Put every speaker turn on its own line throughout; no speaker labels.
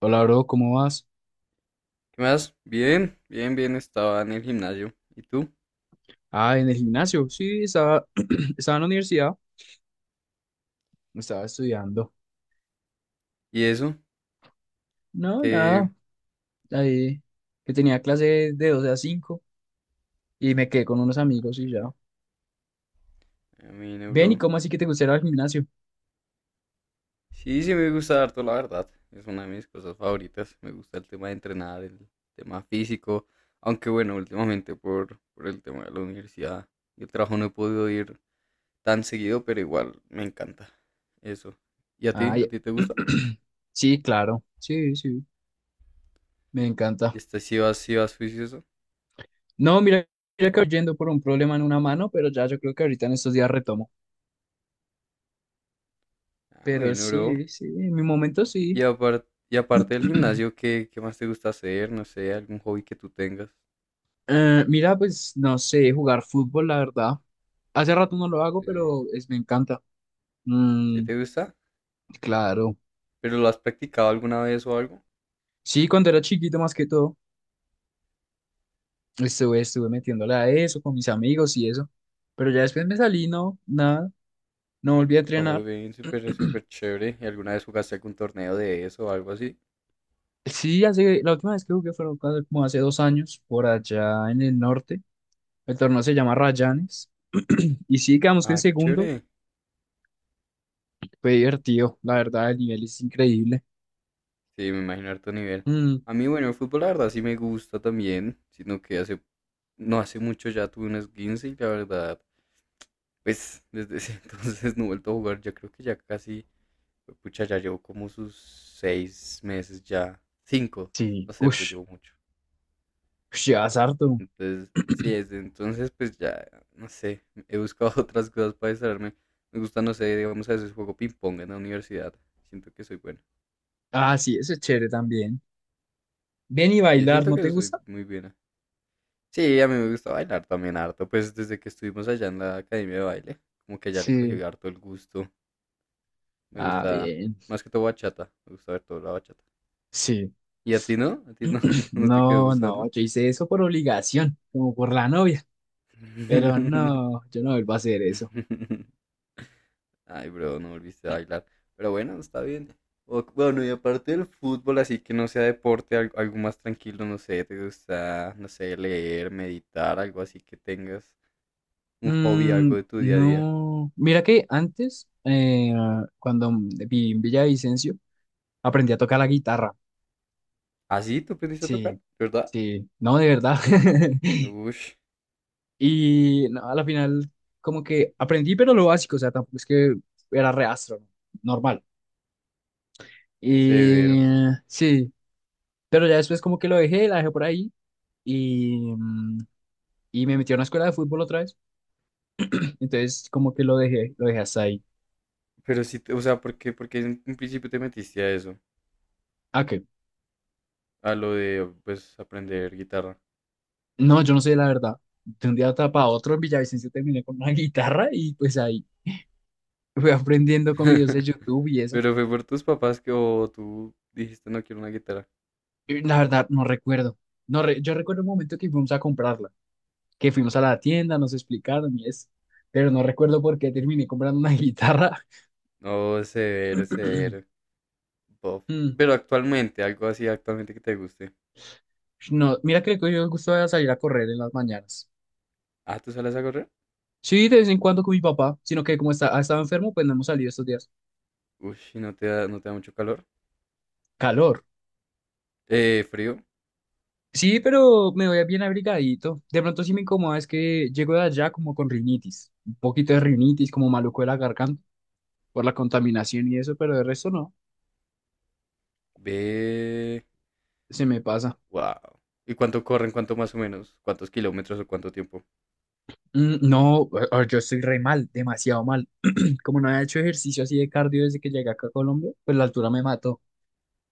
Hola, bro, ¿cómo vas?
¿Qué más? Bien, bien, bien, estaba en el gimnasio. ¿Y tú?
Ah, en el gimnasio. Sí, estaba, estaba en la universidad, estaba estudiando.
¿Y eso?
No,
Que...
nada, ahí que tenía clase de 12 a 5 y me quedé con unos
A
amigos y
mí,
ya.
a mí, no,
Ven, ¿y
bro.
cómo así que te gustaría el gimnasio?
Sí, sí me gusta harto, la verdad. Es una de mis cosas favoritas. Me gusta el tema de entrenar, el tema físico. Aunque bueno, últimamente por el tema de la universidad y el trabajo no he podido ir tan seguido, pero igual me encanta eso. ¿Y a ti?
Ah, ya.
¿A ti te gusta?
Sí, claro. Sí, sí, me
¿Y
encanta.
este sí vas juicioso?
No, mira, mira que voy yendo por un problema en una mano, pero ya yo creo que ahorita en estos días retomo.
Ah,
Pero
bueno, bro.
sí, sí, en mi momento
Y
sí.
aparte, y aparte del gimnasio, ¿qué más te gusta hacer? No sé, algún hobby que tú tengas.
Mira, pues no sé, jugar fútbol, la verdad. Hace rato no lo hago,
Eh,
pero es, me encanta.
¿Sí
Mm,
te gusta?
claro.
¿Pero lo has practicado alguna vez o algo?
Sí, cuando era chiquito más que todo, estuve metiéndole a eso con mis amigos y eso. Pero ya después me salí, no, nada, no volví a
Oh,
entrenar.
bien, súper, súper chévere. ¿Y alguna vez jugaste algún torneo de eso o algo así?
Sí, hace, la última vez que jugué fue como hace 2 años, por allá en el norte. El torneo se llama Rayanes. Y sí, quedamos que en
Ah, qué
segundos.
chévere.
Fue divertido, la
Sí,
verdad, el nivel es increíble.
sí, me imagino harto nivel.
Mm,
A mí, bueno, el fútbol, la verdad, sí me gusta también, sino que no hace mucho ya tuve un esguince y la verdad, pues desde ese entonces no he vuelto a jugar. Ya creo que ya casi. Pucha, ya llevo como sus 6 meses ya, cinco,
sí,
no sé, pero
uff,
llevo mucho.
llevas harto.
Entonces, sí, desde entonces, pues ya, no sé, he buscado otras cosas para distraerme. Me gusta, no sé, digamos, a veces juego ping-pong en la universidad. Siento que soy bueno.
Ah, sí, eso es chévere también. Ven y
Sí, yo
bailar,
siento
¿no te
que soy
gusta?
muy buena. Sí, a mí me gusta bailar también harto, pues desde que estuvimos allá en la academia de baile, como que ya le cogí
Sí.
harto el gusto. Me
Ah,
gusta,
bien.
más que todo bachata, me gusta ver toda la bachata.
Sí.
¿Y a ti no? ¿A ti no, no te quedó
No, no,
gustando?
yo hice eso por obligación, como por la novia. Pero no, yo no vuelvo a hacer eso.
Ay, bro, no volviste a bailar. Pero bueno, está bien. Bueno, y aparte del fútbol, así que no sea deporte, algo, más tranquilo, no sé, te gusta, no sé, leer, meditar, algo así que tengas un hobby,
Mm,
algo de tu día a día.
no. Mira que antes, cuando viví en Villavicencio, aprendí a tocar la guitarra.
Así tú aprendiste a tocar,
Sí,
¿verdad?
sí. No, de verdad.
Ush,
Y no, a la final, como que aprendí, pero lo básico, o sea, tampoco es que era reastro, normal.
severo.
Sí, pero ya después como que lo dejé, la dejé por ahí. Y, y me metí a una escuela de fútbol otra vez. Entonces, como que lo dejé hasta ahí.
Pero sí, o sea, ¿por qué en principio te metiste a eso?
Ah, qué
A lo de, pues, aprender guitarra.
no, yo no sé la verdad. De un día para otro en Villavicencio terminé con una guitarra y pues ahí fui aprendiendo con videos de YouTube y eso.
Pero fue por tus papás que o tú dijiste no quiero una guitarra.
Y la verdad, no recuerdo. No re- Yo recuerdo un momento que fuimos a comprarla, que fuimos a la tienda, nos explicaron y eso. Pero no recuerdo por qué terminé comprando una guitarra.
No, severo, severo. Buff.
Mm,
Pero actualmente, algo así actualmente que te guste.
no, mira que yo me el salir a correr en las mañanas.
Ah, ¿tú sales a correr?
Sí, de vez en cuando con mi papá, sino que como está, ha estado enfermo, pues no hemos salido estos días.
Uy, ¿y no te da mucho calor?
Calor.
Frío.
Sí, pero me voy bien abrigadito. De pronto sí me incomoda es que llego de allá como con rinitis, un poquito de rinitis, como maluco de la garganta por la contaminación y eso, pero de resto no,
Ve.
se me pasa.
Wow. ¿Y cuánto corren? ¿Cuánto más o menos? ¿Cuántos kilómetros o cuánto tiempo?
Mm, no, yo estoy re mal, demasiado mal. Como no había hecho ejercicio así de cardio desde que llegué acá a Colombia, pues la altura me mató.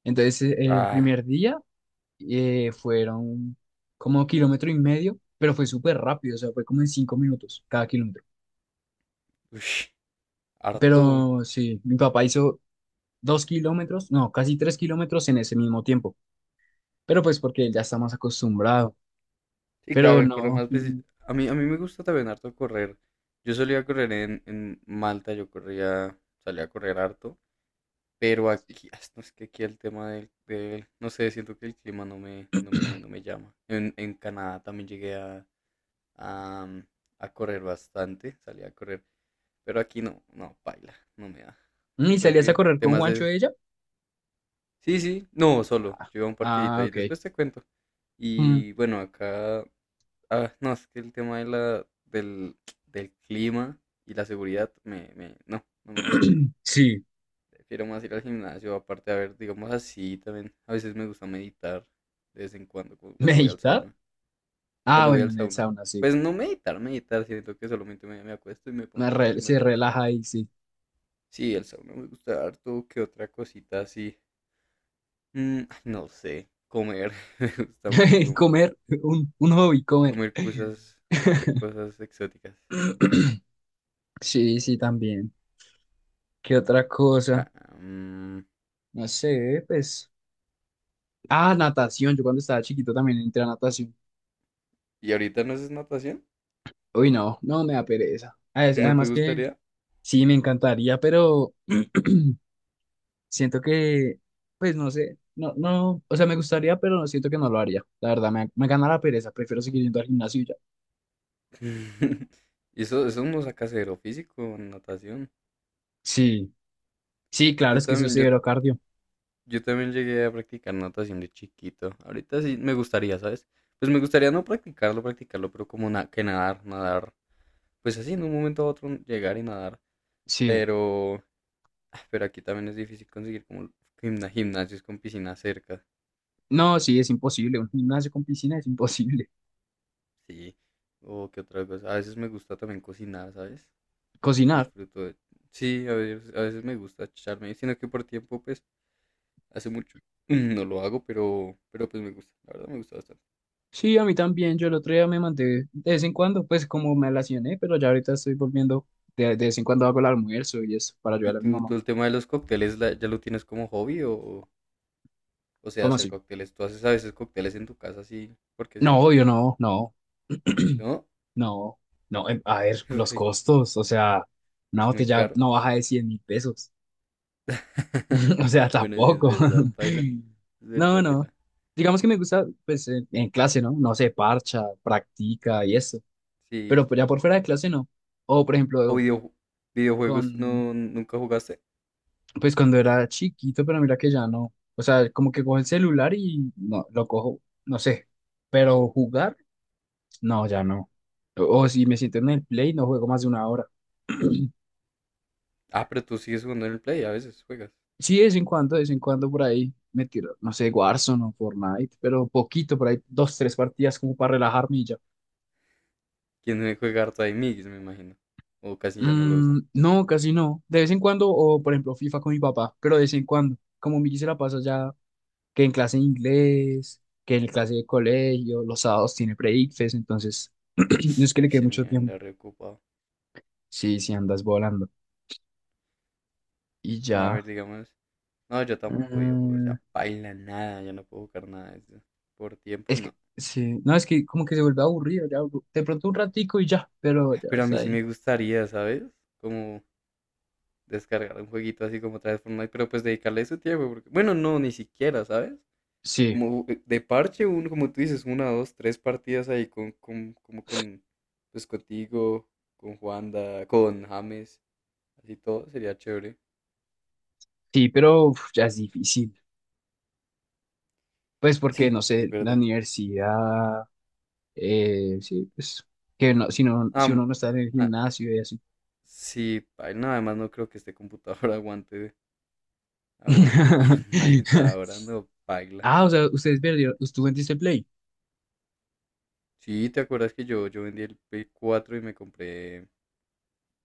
Entonces, el
Ah,
primer día fueron como kilómetro y medio, pero fue súper rápido, o sea, fue como en 5 minutos cada kilómetro.
uy, harto.
Pero sí, mi papá hizo 2 kilómetros, no, casi 3 kilómetros en ese mismo tiempo, pero pues porque él ya está más acostumbrado.
Sí, claro,
Pero
el correr
no,
más. A mí, me gusta también harto correr. Yo solía correr en Malta, yo corría, salía a correr harto. Pero aquí, ah, no, es que aquí el tema del, no sé, siento que el clima no me llama. En Canadá también llegué a, mm, a correr bastante, salí a correr, pero aquí no, no, paila no me da.
¿y
Siento
salías a
que
correr con
temas
Juancho
de,
de ella?
sí, sí, no, solo, yo iba a un parquecito
Ah,
ahí,
ok.
después te cuento.
Mm,
Y bueno, acá, ah, no, es que el tema de del clima y la seguridad, me, no, no me gusta.
sí,
Prefiero más ir al gimnasio, aparte, a ver, digamos así también. A veces me gusta meditar de vez en cuando, cuando voy al
¿meditar?
sauna.
Ah,
Cuando voy
bueno,
al
en el
sauna.
sauna, sí.
Pues no meditar, meditar, siento que solamente me acuesto y me pongo a pensar y me
Se
relajo.
relaja ahí, sí.
Sí, el sauna me gusta harto, que otra cosita así. Mm, ay, no sé, comer, me gusta mucho comer.
Comer, un hobby, comer.
Comer cosas, cosas exóticas.
Sí, sí, también. ¿Qué otra cosa?
Ah, mm.
No sé, pues. Ah, natación. Yo cuando estaba chiquito también entré a natación.
¿Y ahorita no haces natación?
Uy, no, no me da pereza.
¿No te
Además que
gustaría?
sí, me encantaría, pero siento que, pues no sé, no, no, o sea, me gustaría, pero no siento que no lo haría. La verdad, me gana la pereza. Prefiero seguir yendo al gimnasio y ya.
Eso no saca cero físico, natación.
Sí, sí, claro,
Yo
es que eso es
también, yo,
cero cardio.
yo también llegué a practicar natación de chiquito. Ahorita sí me gustaría, ¿sabes? Pues me gustaría no practicarlo, practicarlo, pero como que nadar, nadar. Pues así, en un momento a otro llegar y nadar.
Sí.
Pero, ah, pero aquí también es difícil conseguir como gimnasios con piscina cerca.
No, sí, es imposible. Un gimnasio con piscina es imposible.
Sí. O qué otra cosa. A veces me gusta también cocinar, ¿sabes?
Cocinar.
Disfruto de... Sí, a veces me gusta echarme, sino que por tiempo, pues, hace mucho no lo hago, pero pues me gusta. La verdad me gusta bastante.
Sí, a mí también. Yo el otro día me mandé de vez en cuando, pues como me relacioné, pero ya ahorita estoy volviendo. De vez en cuando hago el almuerzo y eso para
¿Y
ayudar a mi
tú,
mamá.
tú el tema de los cócteles ya lo tienes como hobby o sea,
¿Cómo
hacer
así?
cócteles? ¿Tú haces a veces cócteles en tu casa así? Porque sí,
No, yo no, no,
¿no?
no, no. A ver, los
Porque
costos. O sea, una
Es muy
botella
caro.
no baja de $100.000. O sea,
Bueno, sí es
tampoco.
verdad, paila. Es
No,
verdad,
no.
vela.
Digamos que me gusta, pues en clase, ¿no? No se parcha, practica y eso.
Sí,
Pero pues, ya
sí.
por fuera de clase no. O por
¿O
ejemplo,
videojuegos tú
con
no, nunca jugaste?
pues cuando era chiquito, pero mira que ya no. O sea, como que cojo el celular y no, lo cojo, no sé. Pero jugar, no, ya no. O si me siento en el play, no juego más de 1 hora.
Ah, pero tú sigues jugando en el Play, a veces juegas.
Sí, de vez en cuando, de vez en cuando por ahí me tiro, no sé, Warzone o Fortnite, pero poquito, por ahí dos, tres partidas como para relajarme y ya.
¿Quién me juega debe jugar Time me imagino? O casi ya no lo
Mm,
usan.
no, casi no. De vez en cuando, o por ejemplo FIFA con mi papá, pero de vez en cuando. Como Miki se la pasa ya que en clase de inglés, que en clase de colegio, los sábados tiene pre-ICFES, entonces no es que le
Uy,
quede
ese
mucho
niño
tiempo.
anda reocupado.
Sí, sí, andas volando. Y
No, a
ya.
ver, digamos. No, yo tampoco videojuegos,
Mm,
ya baila nada, ya no puedo jugar nada de eso. Por tiempo,
es que,
no.
sí, no, es que como que se vuelve aburrido, ya, de pronto un ratico y ya, pero
Ah,
ya
pero a
está
mí sí
ahí.
me gustaría, ¿sabes? Como descargar un jueguito así como otra vez Fortnite, pero pues dedicarle su tiempo. Porque... Bueno, no, ni siquiera, ¿sabes?
Sí,
Como de parche, uno, como tú dices, una, dos, tres partidas ahí con, pues contigo, con Juanda, con James, así todo, sería chévere.
sí, pero uf, ya es difícil. Pues porque,
Sí,
no
es
sé, la
verdad.
universidad, sí, pues, que no, si no, si uno
Am-
no está en el
ah,
gimnasio y así.
sí, ay, no, además no creo que este computador aguante. Aguante Fortnite ahora, no paila.
Ah, o sea, ustedes perdieron, ¿tú vendiste Play?
Sí, ¿te acuerdas que yo vendí el Play 4 y me compré,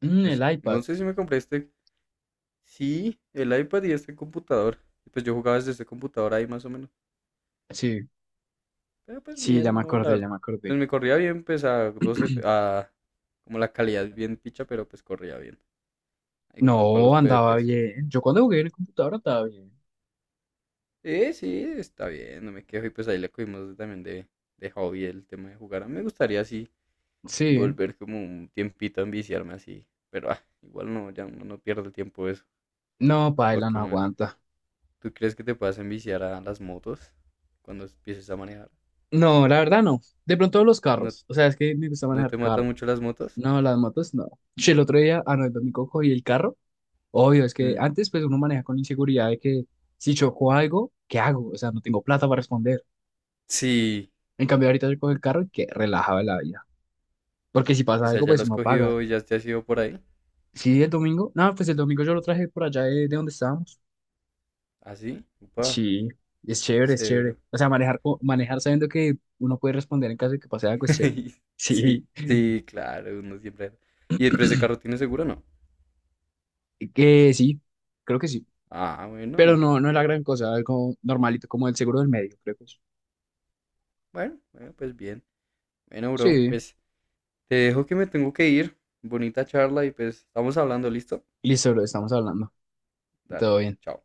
Mm, el
pues no
iPad.
sé si me compré este, sí, el iPad y este computador. Y pues yo jugaba desde este computador ahí más o menos.
Sí,
Pero pues
sí, ya
bien,
me
no,
acordé, ya me
pues
acordé.
me corría bien, pues a 12, a como la calidad es bien picha, pero pues corría bien. Ahí como para los
No, andaba
PvPs.
bien. Yo cuando jugué en el computador andaba bien.
Sí, sí, está bien, no me quejo. Y pues ahí le cogimos también de hobby el tema de jugar. A mí me gustaría así
Sí.
volver como un tiempito a enviciarme así. Pero ah, igual no, ya uno no pierde el tiempo eso.
No,
¿O
paila,
qué
no
más?
aguanta.
¿Tú crees que te puedas enviciar a las motos cuando empieces a manejar?
No, la verdad no. De pronto los
¿No,
carros. O sea, es que me gusta
no
manejar
te matan
carro.
mucho las motos?
No, las motos no. Che, el otro día, ah, no, el domingo cogí el carro. Obvio, es que
Mm,
antes pues uno maneja con inseguridad de que si choco algo, ¿qué hago? O sea, no tengo plata para responder.
sí,
En cambio, ahorita yo cojo el carro y que relajaba la vida. Porque si
o
pasa
sea,
algo,
ya lo
pues
has
uno paga.
cogido y ya te has ido por ahí.
Sí, el domingo. No, pues el domingo yo lo traje por allá de donde estábamos.
¿Así? Upa,
Sí, es chévere, es chévere.
severo.
O sea, manejar sabiendo que uno puede responder en caso de que pase algo es chévere.
Sí,
Sí,
sí, claro, uno siempre. ¿Y el precio de carro tiene seguro o no?
y que sí, creo que sí.
Ah,
Pero
bueno,
no, no es la gran cosa, algo normalito como el seguro del medio, creo que es.
bueno, bueno, pues bien. Bueno, bro,
Sí,
pues te dejo que me tengo que ir. Bonita charla y pues estamos hablando, ¿listo?
listo, lo estamos hablando.
Dale,
Todo bien.
chao.